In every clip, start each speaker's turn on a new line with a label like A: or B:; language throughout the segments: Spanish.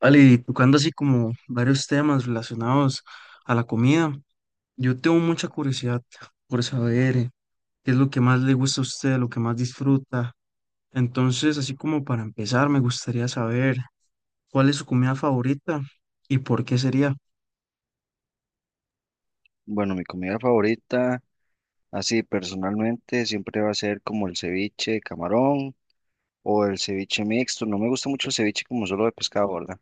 A: Vale, y tocando así como varios temas relacionados a la comida, yo tengo mucha curiosidad por saber qué es lo que más le gusta a usted, lo que más disfruta. Entonces, así como para empezar, me gustaría saber cuál es su comida favorita y por qué sería.
B: Bueno, mi comida favorita, así personalmente, siempre va a ser como el ceviche de camarón o el ceviche mixto. No me gusta mucho el ceviche como solo de pescado, ¿verdad?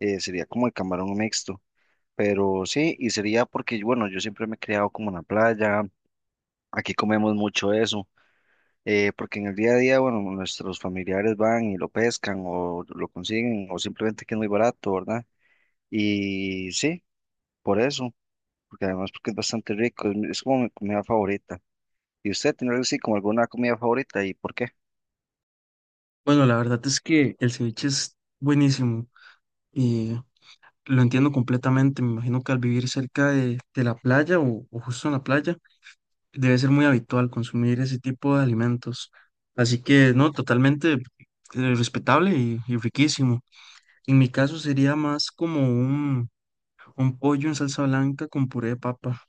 B: Sería como el camarón mixto. Pero sí, y sería porque, bueno, yo siempre me he criado como en la playa, aquí comemos mucho eso, porque en el día a día, bueno, nuestros familiares van y lo pescan o lo consiguen o simplemente que es muy barato, ¿verdad? Y sí, por eso, porque además porque es bastante rico, es como mi comida favorita. ¿Y usted tiene algo así como alguna comida favorita y por qué?
A: Bueno, la verdad es que el ceviche es buenísimo y lo entiendo completamente. Me imagino que al vivir cerca de la playa o justo en la playa, debe ser muy habitual consumir ese tipo de alimentos. Así que, no, totalmente respetable y riquísimo. En mi caso sería más como un pollo en salsa blanca con puré de papa.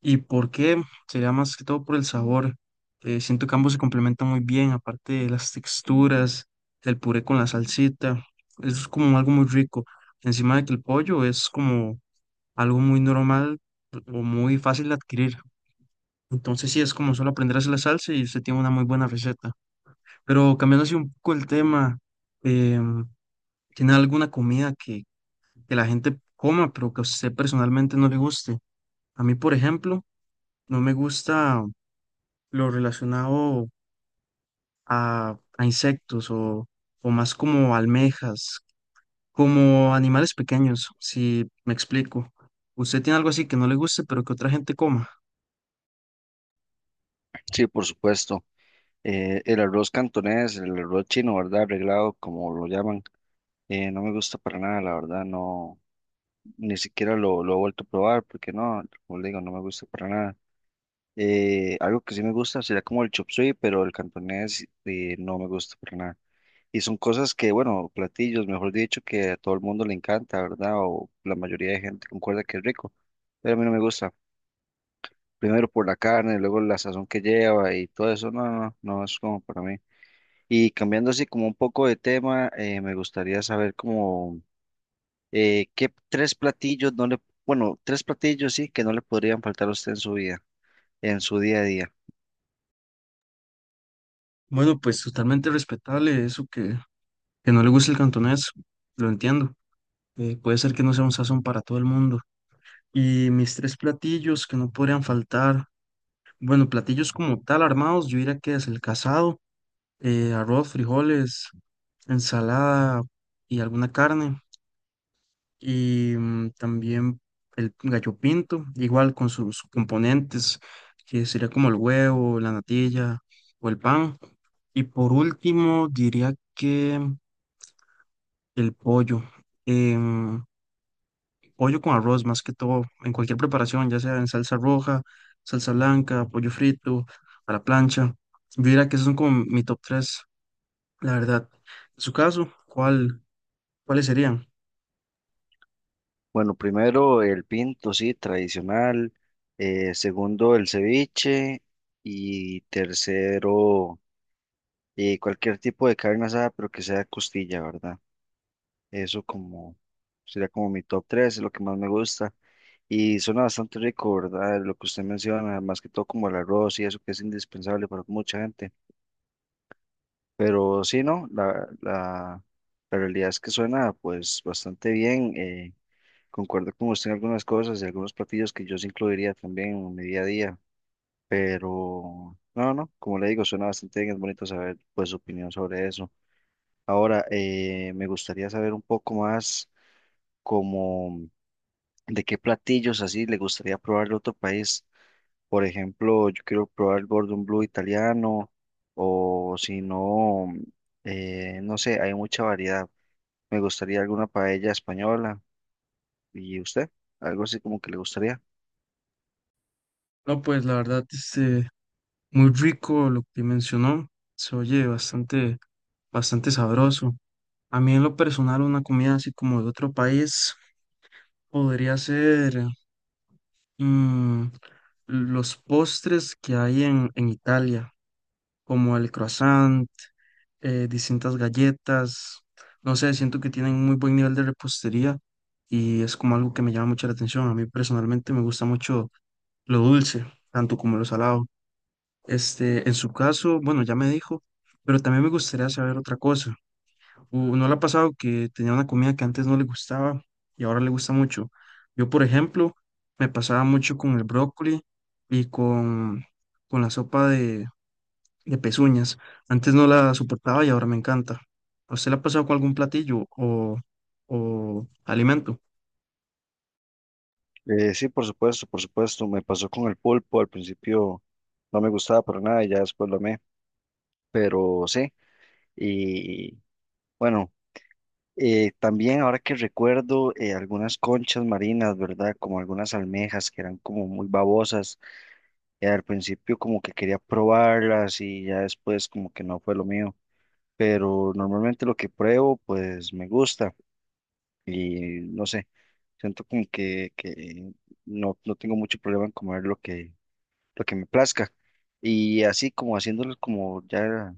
A: ¿Y por qué? Sería más que todo por el sabor. Siento que ambos se complementan muy bien, aparte de las texturas, el puré con la salsita. Eso es como algo muy rico. Encima de que el pollo es como algo muy normal o muy fácil de adquirir. Entonces sí, es como solo aprender a hacer la salsa y usted tiene una muy buena receta. Pero cambiando así un poco el tema, em, ¿tiene alguna que la gente coma, pero que a usted personalmente no le guste? A mí, por ejemplo, no me gusta lo relacionado a insectos o más como almejas, como animales pequeños, si me explico. ¿Usted tiene algo así que no le guste, pero que otra gente coma?
B: Sí, por supuesto. El arroz cantonés, el arroz chino, ¿verdad? Arreglado, como lo llaman. No me gusta para nada, la verdad, no, ni siquiera lo he vuelto a probar porque no, como le digo, no me gusta para nada. Algo que sí me gusta sería como el chop suey, pero el cantonés no me gusta para nada. Y son cosas que, bueno, platillos, mejor dicho, que a todo el mundo le encanta, ¿verdad? O la mayoría de gente concuerda que es rico, pero a mí no me gusta. Primero por la carne, luego la sazón que lleva y todo eso, no, no, no es como para mí. Y cambiando así como un poco de tema, me gustaría saber como qué tres platillos no bueno, tres platillos sí que no le podrían faltar a usted en su vida, en su día a día.
A: Bueno, pues totalmente respetable eso. Que no le guste el cantonés, lo entiendo. Puede ser que no sea un sazón para todo el mundo. Y mis tres platillos que no podrían faltar. Bueno, platillos como tal armados, yo diría que es el casado, arroz, frijoles, ensalada y alguna carne. Y también el gallo pinto, igual con sus componentes, que sería como el huevo, la natilla o el pan. Y por último, diría que el pollo. Em, pollo con arroz más que todo, en cualquier preparación, ya sea en salsa roja, salsa blanca, pollo frito, a la plancha. Yo diría que esos son como mi top 3 la verdad. En su caso, ¿cuál, cuáles serían?
B: Bueno, primero el pinto, sí, tradicional. Segundo, el ceviche. Y tercero, cualquier tipo de carne asada, pero que sea costilla, ¿verdad? Eso como sería como mi top 3 es lo que más me gusta. Y suena bastante rico, ¿verdad? Lo que usted menciona, más que todo como el arroz y eso que es indispensable para mucha gente. Pero sí, ¿no? La realidad es que suena pues bastante bien. Concuerdo con usted en algunas cosas y algunos platillos que yo sí incluiría también en mi día a día. Pero no, no, como le digo, suena bastante bien. Es bonito saber pues su opinión sobre eso. Ahora, me gustaría saber un poco más. Como de qué platillos así le gustaría probar de otro país. Por ejemplo, yo quiero probar el Gordon Blue italiano o si no, no sé, hay mucha variedad. Me gustaría alguna paella española. ¿Y usted? Algo así como que le gustaría.
A: No, pues la verdad, este, muy rico lo que mencionó, se oye bastante, bastante sabroso. A mí en lo personal, una comida así como de otro país podría ser mm, los postres que hay en Italia, como el croissant, distintas galletas, no sé, siento que tienen muy buen nivel de repostería y es como algo que me llama mucho la atención. A mí personalmente me gusta mucho lo dulce, tanto como lo salado. Este, en su caso, bueno, ya me dijo, pero también me gustaría saber otra cosa. ¿No le ha pasado que tenía una comida que antes no le gustaba y ahora le gusta mucho? Yo, por ejemplo, me pasaba mucho con el brócoli y con la sopa de pezuñas. Antes no la soportaba y ahora me encanta. ¿A usted le ha pasado con algún platillo o alimento?
B: Sí, por supuesto, por supuesto. Me pasó con el pulpo. Al principio no me gustaba para nada y ya después lo amé. Pero sí, y bueno. También ahora que recuerdo algunas conchas marinas, ¿verdad? Como algunas almejas que eran como muy babosas. Al principio como que quería probarlas y ya después como que no fue lo mío. Pero normalmente lo que pruebo pues me gusta y no sé, siento como que no, no tengo mucho problema en comer lo lo que me plazca. Y así como haciéndoles como ya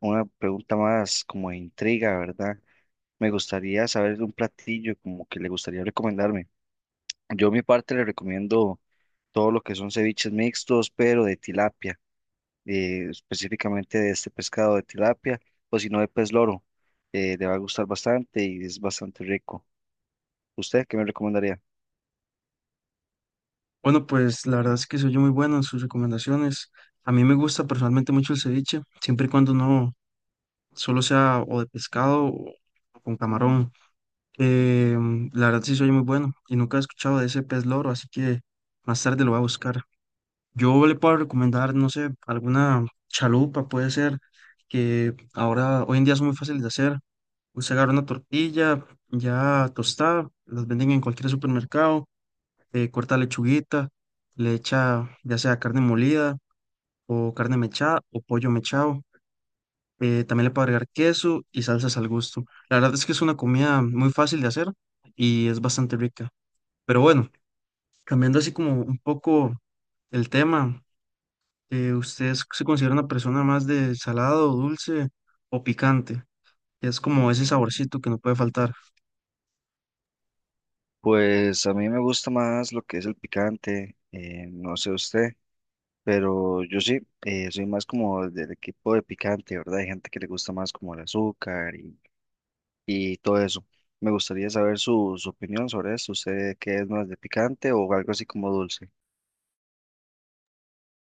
B: una pregunta más como de intriga, ¿verdad? Me gustaría saber de un platillo como que le gustaría recomendarme. Yo, a mi parte, le recomiendo todo lo que son ceviches mixtos, pero de tilapia, específicamente de este pescado de tilapia, o si no, de pez loro. Le va a gustar bastante y es bastante rico. ¿Usted qué me recomendaría?
A: Bueno, pues la verdad es que soy yo muy bueno en sus recomendaciones. A mí me gusta personalmente mucho el ceviche, siempre y cuando no solo sea o de pescado o con camarón. Eh, la verdad sí soy muy bueno y nunca he escuchado de ese pez loro, así que más tarde lo voy a buscar. Yo le puedo recomendar, no sé, alguna chalupa puede ser, que ahora hoy en día son muy fáciles de hacer. Usted agarra una tortilla ya tostada, las venden en cualquier supermercado, corta lechuguita, le echa ya sea carne molida o carne mechada o pollo mechado. Eh, también le puede agregar queso y salsas al gusto. La verdad es que es una comida muy fácil de hacer y es bastante rica. Pero bueno, cambiando así como un poco el tema, ¿usted se considera una persona más de salado, dulce o picante? Es como ese saborcito que no puede faltar.
B: Pues a mí me gusta más lo que es el picante, no sé usted, pero yo sí, soy más como del equipo de picante, ¿verdad? Hay gente que le gusta más como el azúcar y todo eso. Me gustaría saber su opinión sobre esto. ¿Usted qué es más de picante o algo así como dulce?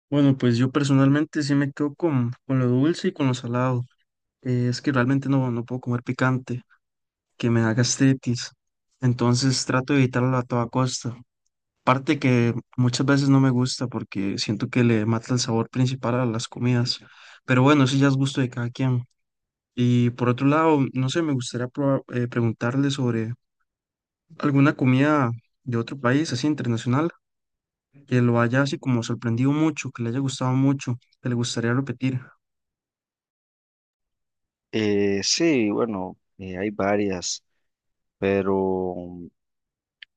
A: Bueno, pues yo personalmente sí me quedo con lo dulce y con lo salado. Es que realmente no, no puedo comer picante, que me da gastritis. Entonces trato de evitarlo a toda costa. Parte que muchas veces no me gusta porque siento que le mata el sabor principal a las comidas. Pero bueno, eso ya es gusto de cada quien. Y por otro lado, no sé, me gustaría preguntarle sobre alguna comida de otro país, así internacional, que lo haya así como sorprendido mucho, que le haya gustado mucho, que le gustaría repetir.
B: Sí, bueno, hay varias, pero mm,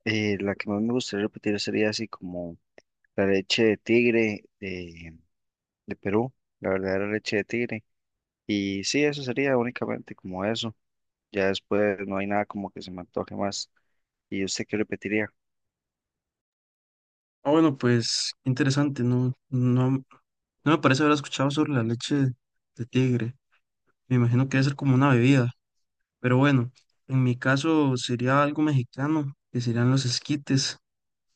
B: eh, la que más me gustaría repetir sería así como la leche de tigre de Perú, la verdadera leche de tigre. Y sí, eso sería únicamente como eso. Ya después no hay nada como que se me antoje más. ¿Y usted qué repetiría?
A: Ah, bueno, pues interesante, no, no, no me parece haber escuchado sobre la leche de tigre. Me imagino que debe ser como una bebida, pero bueno, en mi caso sería algo mexicano, que serían los esquites.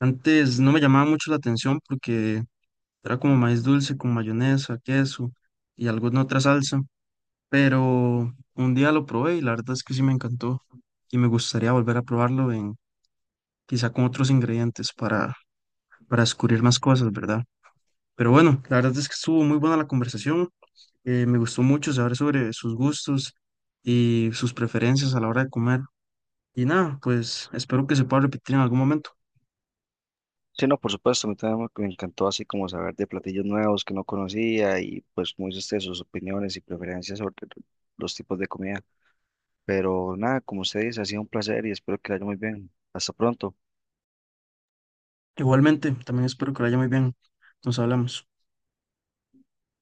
A: Antes no me llamaba mucho la atención porque era como maíz dulce con mayonesa, queso y alguna otra salsa, pero un día lo probé y la verdad es que sí me encantó y me gustaría volver a probarlo en quizá con otros ingredientes para descubrir más cosas, ¿verdad? Pero bueno, la verdad es que estuvo muy buena la conversación. Eh, me gustó mucho saber sobre sus gustos y sus preferencias a la hora de comer. Y nada, pues espero que se pueda repetir en algún momento.
B: Sí, no, por supuesto, a mí también me encantó así como saber de platillos nuevos que no conocía y pues como dice usted, sus opiniones y preferencias sobre los tipos de comida. Pero nada, como usted dice, ha sido un placer y espero que le haya muy bien. Hasta pronto.
A: Igualmente, también espero que lo haya muy bien. Nos hablamos.